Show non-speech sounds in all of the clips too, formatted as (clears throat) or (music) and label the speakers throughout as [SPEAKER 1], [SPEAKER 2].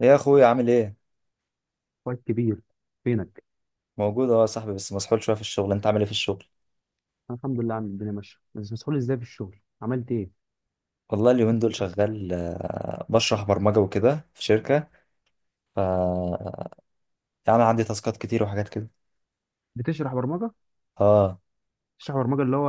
[SPEAKER 1] ايه يا اخويا، عامل ايه؟
[SPEAKER 2] اخويا الكبير، فينك؟
[SPEAKER 1] موجود اهو يا صاحبي، بس مسحول شويه في الشغل. انت عامل ايه في الشغل؟
[SPEAKER 2] أنا الحمد لله، عم الدنيا ماشيه. بس مسؤول ازاي في الشغل؟ عملت ايه؟
[SPEAKER 1] والله اليومين دول شغال، بشرح برمجه وكده في شركه. ف يعني عندي تاسكات كتير وحاجات كده.
[SPEAKER 2] بتشرح برمجه؟
[SPEAKER 1] اه.
[SPEAKER 2] بتشرح برمجه، اللي هو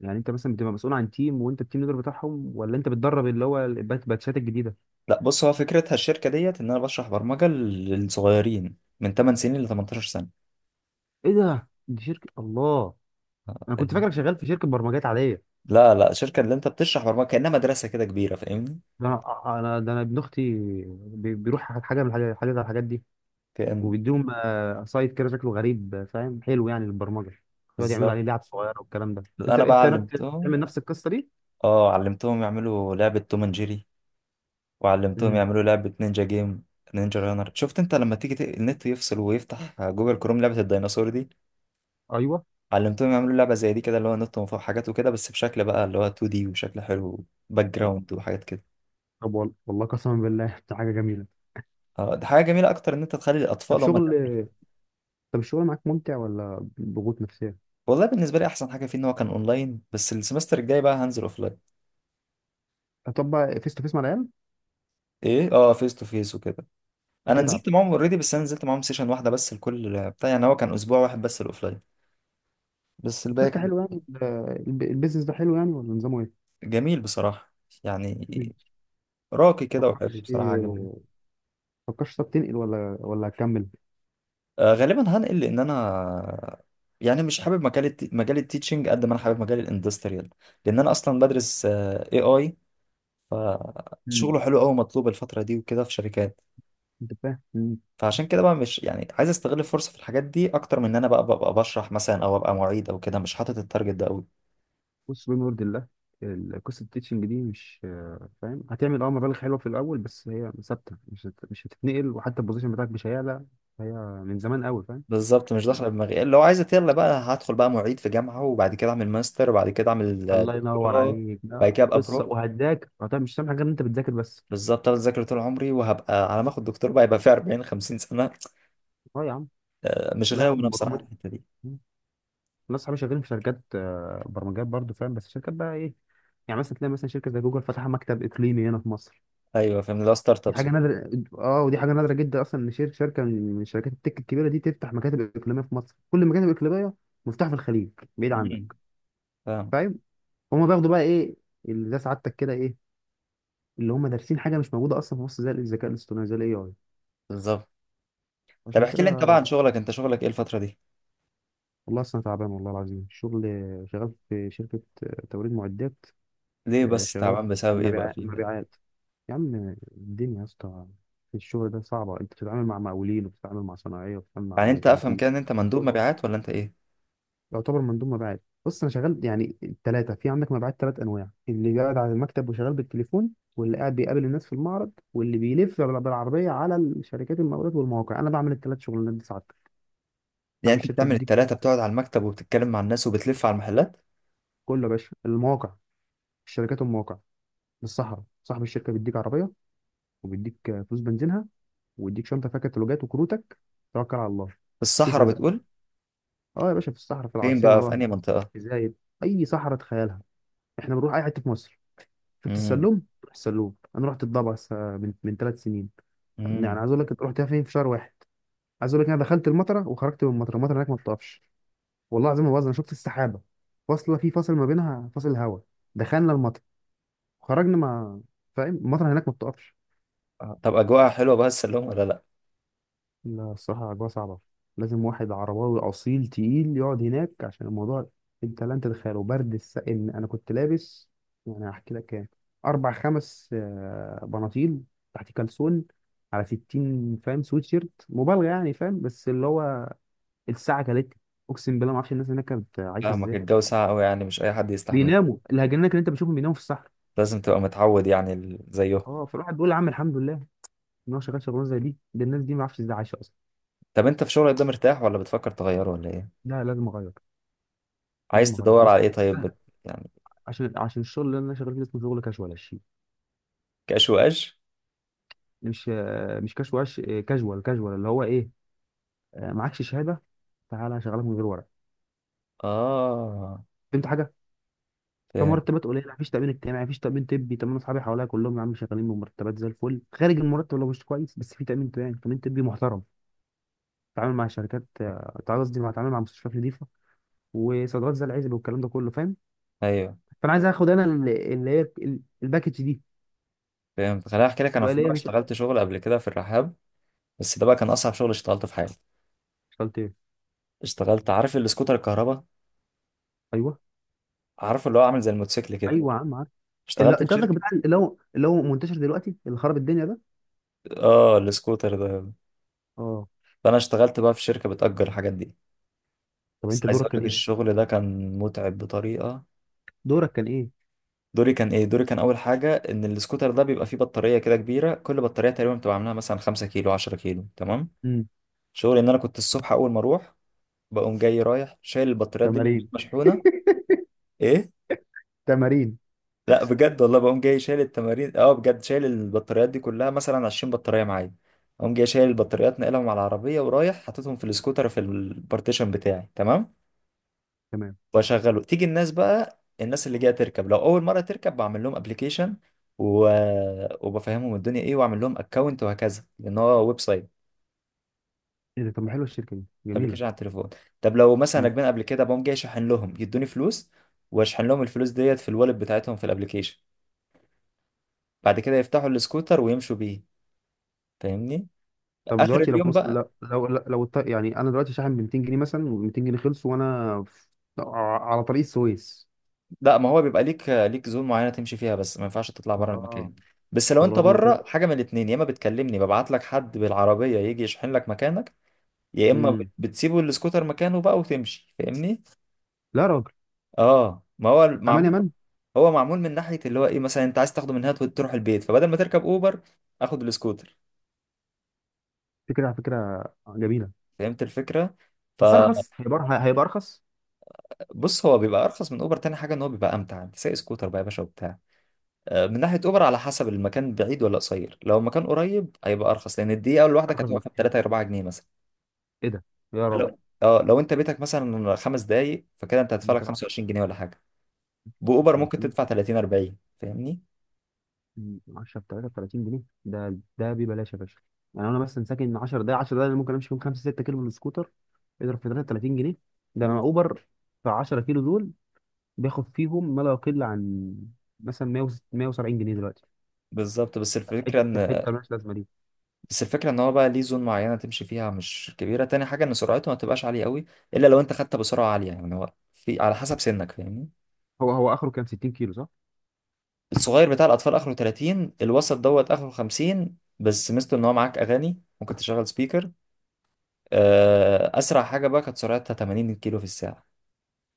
[SPEAKER 2] يعني انت مثلا بتبقى مسؤول عن تيم وانت التيم ليدر بتاعهم، ولا انت بتدرب اللي هو الباتشات الجديده؟
[SPEAKER 1] لا، بص، هو فكرتها الشركه ديت ان انا بشرح برمجه للصغيرين من 8 سنين ل 18 سنه.
[SPEAKER 2] ايه ده؟ دي شركه، الله.
[SPEAKER 1] آه،
[SPEAKER 2] انا كنت
[SPEAKER 1] فاهم.
[SPEAKER 2] فاكرك شغال في شركه برمجات عاديه.
[SPEAKER 1] لا لا، الشركه اللي انت بتشرح برمجه كانها مدرسه كده كبيره، فاهمني.
[SPEAKER 2] ده انا، انا ده انا ابن اختي. بيروح حاجه من الحاجات، حاجة من الحاجات دي.
[SPEAKER 1] كأن.
[SPEAKER 2] وبيديهم سايت كده شكله غريب، فاهم، حلو يعني للبرمجه. يقعد يعملوا
[SPEAKER 1] بالظبط.
[SPEAKER 2] عليه لعب صغيره والكلام ده. انت
[SPEAKER 1] انا بقى
[SPEAKER 2] انت
[SPEAKER 1] علمتهم.
[SPEAKER 2] بتعمل نفس القصه دي؟
[SPEAKER 1] اه، علمتهم يعملوا لعبه توم اند جيري. وعلمتهم
[SPEAKER 2] امم.
[SPEAKER 1] يعملوا لعبة نينجا جيم. نينجا رانر، شفت انت لما تيجي النت يفصل ويفتح جوجل كروم لعبة الديناصور دي.
[SPEAKER 2] ايوه.
[SPEAKER 1] علمتهم يعملوا لعبة زي دي كده، اللي هو نط من فوق حاجات وكده، بس بشكل بقى اللي هو 2D وشكل حلو، باك
[SPEAKER 2] طب
[SPEAKER 1] جراوند وحاجات كده.
[SPEAKER 2] طب والله قسما بالله، (laughs) دي حاجه جميله.
[SPEAKER 1] اه، ده حاجة جميلة أكتر إن أنت تخلي
[SPEAKER 2] طب
[SPEAKER 1] الأطفال هم اللي يعملوا
[SPEAKER 2] شغل.
[SPEAKER 1] الحاجة.
[SPEAKER 2] طب، الشغل معاك ممتع ولا ضغوط نفسيه؟
[SPEAKER 1] والله بالنسبة لي أحسن حاجة فيه إن هو كان أونلاين، بس السمستر الجاي بقى هنزل أوفلاين.
[SPEAKER 2] هتطبق فيس تو فيس مع العيال؟
[SPEAKER 1] إيه، أه، فيس تو فيس وكده. أنا
[SPEAKER 2] هتتعب.
[SPEAKER 1] نزلت معاهم أوريدي، بس أنا نزلت معاهم سيشن واحدة بس. الكل بتاع يعني هو كان أسبوع واحد بس الأوفلاين، بس
[SPEAKER 2] طب،
[SPEAKER 1] الباقي
[SPEAKER 2] شركه
[SPEAKER 1] كان
[SPEAKER 2] حلوه يعني؟ البيزنس ده حلو يعني، ولا نظامه ايه؟
[SPEAKER 1] جميل بصراحة. يعني
[SPEAKER 2] مش
[SPEAKER 1] راقي كده وحلو
[SPEAKER 2] تفكرش
[SPEAKER 1] بصراحة، عجبني.
[SPEAKER 2] تفكرش طب تنقل ولا هتكمل؟
[SPEAKER 1] آه، غالبا هنقل، لأن أنا يعني مش حابب مجال مجال التيتشنج قد ما أنا حابب مجال الاندستريال. لأن أنا أصلا بدرس اي اي.
[SPEAKER 2] مم.
[SPEAKER 1] فشغله حلو أوي، مطلوب الفترة دي وكده في شركات.
[SPEAKER 2] انت فاهم. مم.
[SPEAKER 1] فعشان كده بقى، مش يعني عايز استغل الفرصة في الحاجات دي أكتر من إن أنا بقى ببقى بشرح مثلا، أو أبقى معيد أو كده. مش حاطط التارجت ده أوي.
[SPEAKER 2] بص، بما يرضي الله، قصة التيتشنج دي، مش فاهم، هتعمل اه، مبالغ حلوة في الأول، بس هي ثابتة، مش هتتنقل، وحتى البوزيشن بتاعك مش هيعلى. هي من زمان قوي. فاهم.
[SPEAKER 1] بالظبط، مش داخله دماغي. لو عايز يلا بقى هدخل بقى معيد في جامعة، وبعد كده أعمل ماستر، وبعد كده أعمل
[SPEAKER 2] الله ينور
[SPEAKER 1] دكتوراه.
[SPEAKER 2] عليك.
[SPEAKER 1] بعد
[SPEAKER 2] لا،
[SPEAKER 1] كده أبقى
[SPEAKER 2] قصه
[SPEAKER 1] بروف.
[SPEAKER 2] وهتذاكر، مش هتعمل حاجه غير ان انت بتذاكر بس.
[SPEAKER 1] بالظبط، انا اذاكر طول عمري، وهبقى على ما اخد دكتور بقى يبقى في 40 50 سنه.
[SPEAKER 2] اه يا عم.
[SPEAKER 1] آه، مش
[SPEAKER 2] لا يا
[SPEAKER 1] غاوي
[SPEAKER 2] عم،
[SPEAKER 1] انا
[SPEAKER 2] الموضوع
[SPEAKER 1] بصراحه على
[SPEAKER 2] متعب.
[SPEAKER 1] الحته دي.
[SPEAKER 2] مم. ناس صحابي شغالين في شركات برمجيات برضو، فاهم. بس شركات بقى ايه؟ يعني مثلا تلاقي مثلا شركه زي جوجل فاتحه مكتب اقليمي هنا في مصر.
[SPEAKER 1] ايوه، فاهم، اللي هو ستارت
[SPEAKER 2] دي
[SPEAKER 1] ابس
[SPEAKER 2] حاجه
[SPEAKER 1] وكده.
[SPEAKER 2] نادره. اه، ودي حاجه نادره جدا اصلا، ان شركه من شركات التك الكبيره دي تفتح مكاتب اقليميه في مصر. كل المكاتب الاقليميه مفتوحه في الخليج، بعيد
[SPEAKER 1] أمم،
[SPEAKER 2] عنك.
[SPEAKER 1] فاهم.
[SPEAKER 2] فاهم. هما بياخدوا بقى ايه؟ اللي ده سعادتك كده ايه؟ اللي هم دارسين حاجه مش موجوده اصلا في مصر، زي الذكاء الاصطناعي، زي الاي اي.
[SPEAKER 1] بالظبط. طب
[SPEAKER 2] عشان
[SPEAKER 1] احكي لي انت بقى
[SPEAKER 2] كده.
[SPEAKER 1] عن شغلك، انت شغلك ايه الفتره دي؟
[SPEAKER 2] والله اصلا تعبان، والله العظيم الشغل. شغال في شركه توريد معدات.
[SPEAKER 1] ليه بس
[SPEAKER 2] شغال
[SPEAKER 1] تعبان؟ بسبب ايه بقى
[SPEAKER 2] مبيعات،
[SPEAKER 1] فيها؟
[SPEAKER 2] مبيعات. يا عم الدنيا يا اسطى، في الشغل ده صعبه، انت بتتعامل مع مقاولين وبتتعامل مع صناعيه وبتتعامل مع
[SPEAKER 1] يعني انت افهم كده ان
[SPEAKER 2] ميكانيكيين.
[SPEAKER 1] انت مندوب مبيعات ولا انت ايه؟
[SPEAKER 2] يعتبر مندوب مبيعات. بص، انا شغال يعني الثلاثه. في عندك مبيعات ثلاث انواع: اللي قاعد على المكتب وشغال بالتليفون، واللي قاعد بيقابل الناس في المعرض، واللي بيلف بالعربيه على الشركات المقاولات والمواقع. انا بعمل الثلاث شغلانات دي ساعات.
[SPEAKER 1] يعني
[SPEAKER 2] صاحب
[SPEAKER 1] انت
[SPEAKER 2] الشركه
[SPEAKER 1] بتعمل
[SPEAKER 2] بيديك
[SPEAKER 1] التلاته، بتقعد على المكتب وبتتكلم مع الناس وبتلف على المحلات؟
[SPEAKER 2] كله يا باشا، المواقع، الشركات والمواقع، للصحراء. صاحب الشركه بيديك عربيه، وبيديك فلوس بنزينها، ويديك شنطه فيها كتالوجات وكروتك. توكل على الله،
[SPEAKER 1] في
[SPEAKER 2] شوف
[SPEAKER 1] الصحراء
[SPEAKER 2] رزقك.
[SPEAKER 1] بتقول؟
[SPEAKER 2] اه يا باشا، في الصحراء، في
[SPEAKER 1] فين
[SPEAKER 2] العاصمه
[SPEAKER 1] بقى، في
[SPEAKER 2] بقى.
[SPEAKER 1] انهي منطقه؟
[SPEAKER 2] ازاي؟ اي صحراء، تخيلها. احنا بنروح اي حته في مصر. شفت
[SPEAKER 1] امم،
[SPEAKER 2] السلوم؟ روح السلوم. انا رحت الضبع من 3 سنين. يعني
[SPEAKER 1] امم.
[SPEAKER 2] عايز اقول لك، رحتها فين في شهر واحد؟ عايز اقول لك، انا دخلت المطره وخرجت من المطره. المطره هناك ما بتقفش. والله العظيم ما بهزر، انا شفت السحابه فاصله، في فاصل ما بينها، فاصل هواء. دخلنا المطر، خرجنا. ما فاهم؟ المطر هناك ما بتقفش.
[SPEAKER 1] آه، طب اجواءها حلوه بقى السلوم ولا لا؟
[SPEAKER 2] لا الصراحة، الأجواء صعبة. لازم واحد عرباوي أصيل تقيل يقعد هناك عشان الموضوع، أنت لن تتخيله. برد إن أنا كنت لابس، يعني هحكي لك كام، أربع خمس بناطيل، تحت كلسون، على 60، فاهم، سويتشيرت، مبالغة يعني، فاهم، بس اللي هو الساعة كلت. أقسم بالله ما أعرفش الناس هناك كانت عايشة
[SPEAKER 1] فاهمك،
[SPEAKER 2] إزاي.
[SPEAKER 1] الجو ساقع قوي، يعني مش اي حد يستحمل.
[SPEAKER 2] بيناموا. الهجنات اللي أنت بتشوفهم بيناموا في الصحراء.
[SPEAKER 1] لازم تبقى متعود يعني زيه.
[SPEAKER 2] أه، فالواحد بيقول يا عم الحمد لله إن هو شغال شغلانة زي دي. ده الناس دي ما أعرفش إزاي عايشة أصلا.
[SPEAKER 1] طب انت في شغلك ده مرتاح ولا بتفكر تغيره ولا ايه؟
[SPEAKER 2] لا، لازم أغير.
[SPEAKER 1] عايز
[SPEAKER 2] لازم أغير،
[SPEAKER 1] تدور
[SPEAKER 2] لازم.
[SPEAKER 1] على ايه طيب يعني؟
[SPEAKER 2] عشان الشغل اللي انا شغال فيه اسمه شغل كاجوال الشيء.
[SPEAKER 1] كاش واش؟
[SPEAKER 2] مش، مش كاجوال. كاجوال، كاجوال اللي هو ايه، معكش شهاده، تعالى هشغلك من غير ورق.
[SPEAKER 1] اه،
[SPEAKER 2] فهمت حاجه؟
[SPEAKER 1] فاهم.
[SPEAKER 2] فمرتبات قليله، مفيش تامين اجتماعي، مفيش تامين طبي. طب انا اصحابي حواليا كلهم يا عم شغالين بمرتبات زي الفل، خارج المرتب لو مش كويس، بس في تامين اجتماعي، تامين طبي محترم. تعامل مع شركات، تعال قصدي، مع تعامل مع مستشفيات نظيفه، وصيدلات زي العزب والكلام ده كله، فاهم.
[SPEAKER 1] ايوه،
[SPEAKER 2] فانا عايز اخد انا اللي هي الباكج دي،
[SPEAKER 1] فهمت. خليني احكي لك، انا
[SPEAKER 2] يبقى
[SPEAKER 1] في
[SPEAKER 2] ليا،
[SPEAKER 1] مره
[SPEAKER 2] مش.
[SPEAKER 1] اشتغلت شغل قبل كده في الرحاب. بس ده بقى كان اصعب شغل اشتغلته في حياتي.
[SPEAKER 2] اشتغلت ايه؟
[SPEAKER 1] اشتغلت عارف السكوتر الكهرباء؟
[SPEAKER 2] ايوه.
[SPEAKER 1] عارف اللي هو عامل زي الموتوسيكل كده؟
[SPEAKER 2] ايوه يا عم. اللي
[SPEAKER 1] اشتغلت في
[SPEAKER 2] انت قصدك
[SPEAKER 1] شركه.
[SPEAKER 2] بتاع، اللي هو منتشر دلوقتي، اللي خرب الدنيا ده؟
[SPEAKER 1] اه، السكوتر ده.
[SPEAKER 2] اه.
[SPEAKER 1] فانا اشتغلت بقى في شركه بتأجر الحاجات دي.
[SPEAKER 2] طب
[SPEAKER 1] بس
[SPEAKER 2] انت
[SPEAKER 1] عايز
[SPEAKER 2] دورك
[SPEAKER 1] اقول
[SPEAKER 2] كان
[SPEAKER 1] لك
[SPEAKER 2] ايه؟
[SPEAKER 1] الشغل ده كان متعب بطريقه.
[SPEAKER 2] دورك كان ايه؟
[SPEAKER 1] دوري كان ايه؟ دوري كان اول حاجه ان السكوتر ده بيبقى فيه بطاريه كده كبيره. كل بطاريه تقريبا بتبقى عاملاها مثلا 5 كيلو 10 كيلو، تمام.
[SPEAKER 2] امم.
[SPEAKER 1] شغلي ان انا كنت الصبح اول ما اروح، بقوم جاي رايح شايل البطاريات دي من البيت
[SPEAKER 2] تمارين؟
[SPEAKER 1] مشحونه. ايه؟
[SPEAKER 2] تمارين.
[SPEAKER 1] لا، بجد والله، بقوم جاي شايل التمارين، اه، بجد شايل البطاريات دي كلها، مثلا 20 بطاريه معايا. اقوم جاي شايل البطاريات، ناقلهم على العربيه ورايح حاططهم في السكوتر في البارتيشن بتاعي، تمام.
[SPEAKER 2] تمام.
[SPEAKER 1] واشغله. تيجي الناس بقى، الناس اللي جايه تركب، لو اول مره تركب بعمل لهم ابلكيشن و... وبفهمهم الدنيا ايه، واعمل لهم اكونت وهكذا، لان هو ويب سايت.
[SPEAKER 2] ايه ده؟ طب ما حلوه الشركه دي، جميله.
[SPEAKER 1] ابلكيشن على التليفون. طب لو مثلا
[SPEAKER 2] مم.
[SPEAKER 1] راكبين قبل كده، بقوم جاي اشحن لهم، يدوني فلوس واشحن لهم الفلوس ديت في الوالlet بتاعتهم في الابلكيشن. بعد كده يفتحوا السكوتر ويمشوا بيه، فاهمني.
[SPEAKER 2] طب
[SPEAKER 1] اخر
[SPEAKER 2] دلوقتي، لو
[SPEAKER 1] اليوم
[SPEAKER 2] فلوس،
[SPEAKER 1] بقى.
[SPEAKER 2] لو يعني انا دلوقتي شاحن ب 200 جنيه مثلا، و200 جنيه خلصوا، وانا في... على طريق السويس.
[SPEAKER 1] لا، ما هو بيبقى ليك زون معينه تمشي فيها، بس ما ينفعش تطلع بره
[SPEAKER 2] اه،
[SPEAKER 1] المكان. بس لو
[SPEAKER 2] طب
[SPEAKER 1] انت
[SPEAKER 2] لو طلع.
[SPEAKER 1] بره، حاجه من الاتنين، يا اما بتكلمني ببعت لك حد بالعربيه يجي يشحن لك مكانك، يا اما
[SPEAKER 2] امم.
[SPEAKER 1] بتسيبه السكوتر مكانه بقى وتمشي، فاهمني.
[SPEAKER 2] لا يا راجل،
[SPEAKER 1] اه، ما هو
[SPEAKER 2] امان
[SPEAKER 1] معمول.
[SPEAKER 2] يا مان.
[SPEAKER 1] هو معمول من ناحيه اللي هو ايه، مثلا انت عايز تاخده من هنا تروح البيت، فبدل ما تركب اوبر اخد السكوتر.
[SPEAKER 2] فكره، على فكره، جميله.
[SPEAKER 1] فهمت الفكره.
[SPEAKER 2] بس ارخص، هيبقى ارخص.
[SPEAKER 1] فبص، هو بيبقى ارخص من اوبر. تاني حاجه ان هو بيبقى امتع، انت سايق سكوتر بقى يا باشا وبتاع. من ناحيه اوبر على حسب المكان بعيد ولا قصير. لو المكان قريب هيبقى ارخص، لان الدقيقه الواحده كانت
[SPEAKER 2] ارخص
[SPEAKER 1] واقفه ب
[SPEAKER 2] بكتير.
[SPEAKER 1] 3 4 جنيه مثلا.
[SPEAKER 2] ايه ده، يا راجل.
[SPEAKER 1] لو انت بيتك مثلا خمس دقايق، فكده انت هتدفع
[SPEAKER 2] انا
[SPEAKER 1] لك
[SPEAKER 2] كده 10.
[SPEAKER 1] 25 جنيه ولا حاجه. باوبر ممكن
[SPEAKER 2] 30.
[SPEAKER 1] تدفع 30 40، فاهمني.
[SPEAKER 2] 10 ب 33 جنيه، ده ده ببلاش يا باشا. يعني انا مثلا ساكن 10 دقايق، 10 دقايق انا ممكن امشي فيهم 5 6 كيلو بالسكوتر. اضرب في 33 جنيه. ده انا، اوبر في 10 كيلو دول بياخد فيهم ما لا يقل عن، مثلا 100، 170 جنيه دلوقتي.
[SPEAKER 1] بالظبط. بس الفكرة ان
[SPEAKER 2] حته حته مالهاش لازمه دي.
[SPEAKER 1] بس الفكرة ان هو بقى ليه زون معينة تمشي فيها مش كبيرة. تاني حاجة ان سرعته ما تبقاش عالية قوي، الا لو انت خدت بسرعة عالية يعني. هو في على حسب سنك، فاهمني.
[SPEAKER 2] هو اخره كام، 60 كيلو صح؟
[SPEAKER 1] الصغير بتاع الاطفال اخره 30، الوسط دوت اخره 50، بس ميزته ان هو معاك اغاني، ممكن تشغل سبيكر. اسرع حاجة بقى كانت سرعتها 80 كيلو في الساعة.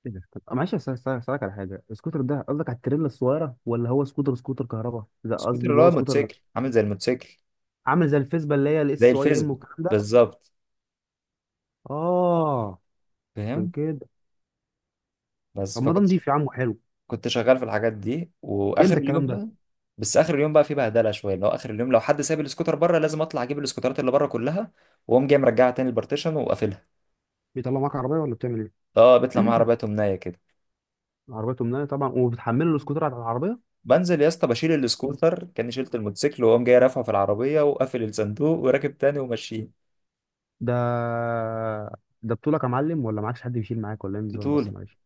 [SPEAKER 2] ايه ده. طب معلش، اسالك على حاجه. السكوتر ده قصدك على التريلا الصغيره، ولا هو سكوتر سكوتر كهرباء؟ لا قصدي،
[SPEAKER 1] سكوتر اللي
[SPEAKER 2] اللي هو
[SPEAKER 1] هو
[SPEAKER 2] سكوتر
[SPEAKER 1] موتوسيكل، عامل زي الموتوسيكل.
[SPEAKER 2] عامل زي الفيسبا، اللي هي
[SPEAKER 1] زي
[SPEAKER 2] الاس واي ام
[SPEAKER 1] الفيسبا.
[SPEAKER 2] والكلام ده.
[SPEAKER 1] بالظبط.
[SPEAKER 2] اه. عشان
[SPEAKER 1] فاهم.
[SPEAKER 2] كده.
[SPEAKER 1] بس
[SPEAKER 2] طب ما ده نضيف يا عم، وحلو.
[SPEAKER 1] كنت شغال في الحاجات دي.
[SPEAKER 2] ليه
[SPEAKER 1] واخر
[SPEAKER 2] انت
[SPEAKER 1] اليوم
[SPEAKER 2] الكلام ده؟
[SPEAKER 1] بقى، بس اخر اليوم بقى في بهدله شويه، اللي هو اخر اليوم لو حد ساب السكوتر بره، لازم اطلع اجيب السكوترات اللي بره كلها، واقوم جاي مرجعها تاني البارتيشن وقافلها.
[SPEAKER 2] بيطلع معاك عربيه ولا بتعمل ايه؟
[SPEAKER 1] اه، بيطلع معايا
[SPEAKER 2] (clears throat)
[SPEAKER 1] عربيه نايه كده.
[SPEAKER 2] عربيه تمنيه طبعا، وبتحمله السكوتر على العربيه.
[SPEAKER 1] بنزل يا اسطى، بشيل السكوتر كاني شلت الموتوسيكل، واقوم جاي رافعه في العربيه، وقافل الصندوق وراكب تاني وماشيين.
[SPEAKER 2] ده ده بطولك يا معلم؟ ولا معكش حد يشيل معاك، ولا ايه النظام؟ بس
[SPEAKER 1] بطوله.
[SPEAKER 2] معلش.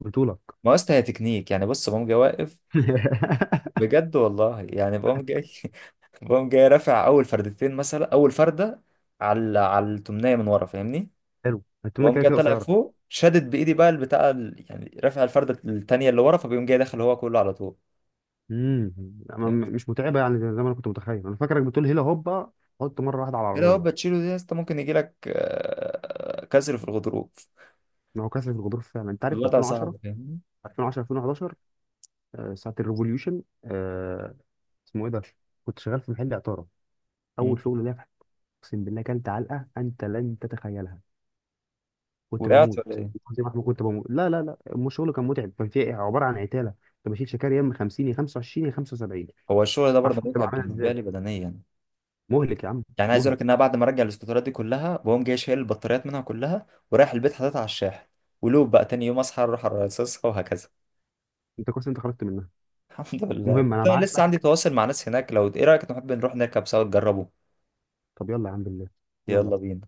[SPEAKER 2] بطولك.
[SPEAKER 1] ما هو يا اسطى هي تكنيك يعني. بص، بقوم جاي واقف.
[SPEAKER 2] (laughs)
[SPEAKER 1] بجد والله، يعني بقوم جاي، (laughs) بقوم جاي رافع اول فردتين مثلا. اول فرده على التمنيه من ورا، فاهمني.
[SPEAKER 2] حلو، التمنيه
[SPEAKER 1] وقام
[SPEAKER 2] كده
[SPEAKER 1] جاي
[SPEAKER 2] كده
[SPEAKER 1] طالع
[SPEAKER 2] قصيره.
[SPEAKER 1] فوق، شدت بايدي بقى البتاع يعني رافع الفرده التانيه اللي ورا، فبيقوم جاي داخل هو كله على طول.
[SPEAKER 2] امم.
[SPEAKER 1] فهمت.
[SPEAKER 2] مش متعبه يعني، زي ما انا كنت متخيل. انا فاكرك بتقول هيلا هوبا، حط مره واحده على
[SPEAKER 1] كده هو
[SPEAKER 2] العربيه.
[SPEAKER 1] بتشيله دي يا اسطى، ممكن يجي لك كسر في الغضروف.
[SPEAKER 2] ما هو كسر الغضروف فعلا. انت عارف
[SPEAKER 1] الوضع صعب،
[SPEAKER 2] 2010،
[SPEAKER 1] فاهمني.
[SPEAKER 2] 2010، 2011، ساعه الريفوليوشن، اسمه ايه ده، كنت شغال في محل عطاره،
[SPEAKER 1] مم.
[SPEAKER 2] اول شغل ليا. اقسم بالله كلت علقه انت لن تتخيلها. كنت
[SPEAKER 1] وقعت ولا
[SPEAKER 2] بموت.
[SPEAKER 1] ايه؟
[SPEAKER 2] زي ما احنا، كنت بموت. لا لا لا، مو شغل كان متعب، كان فيه عباره عن عتاله. كنت بشيل شكاري يا اما 50 يا 25 يا 75، ما
[SPEAKER 1] هو الشغل ده
[SPEAKER 2] اعرفش
[SPEAKER 1] برضه
[SPEAKER 2] كنت
[SPEAKER 1] متعب
[SPEAKER 2] بعملها
[SPEAKER 1] بالنسبه
[SPEAKER 2] ازاي.
[SPEAKER 1] لي بدنيا.
[SPEAKER 2] مهلك يا عم.
[SPEAKER 1] يعني عايز اقول
[SPEAKER 2] مهلك.
[SPEAKER 1] لك ان انا بعد ما ارجع الاسكوترات دي كلها، بقوم جاي شايل البطاريات منها كلها ورايح البيت حاططها على الشاحن. ولوب بقى، تاني يوم اصحى اروح ارصصها وهكذا.
[SPEAKER 2] انت كويس، انت خرجت منها.
[SPEAKER 1] (laughs) الحمد لله.
[SPEAKER 2] المهم، انا
[SPEAKER 1] طيب،
[SPEAKER 2] بعت
[SPEAKER 1] لسه عندي
[SPEAKER 2] لك.
[SPEAKER 1] تواصل مع ناس هناك، لو ايه رايك نحب نروح نركب سوا تجربه؟
[SPEAKER 2] طب يلا يا عم بالله.
[SPEAKER 1] يلا
[SPEAKER 2] يلا.
[SPEAKER 1] بينا.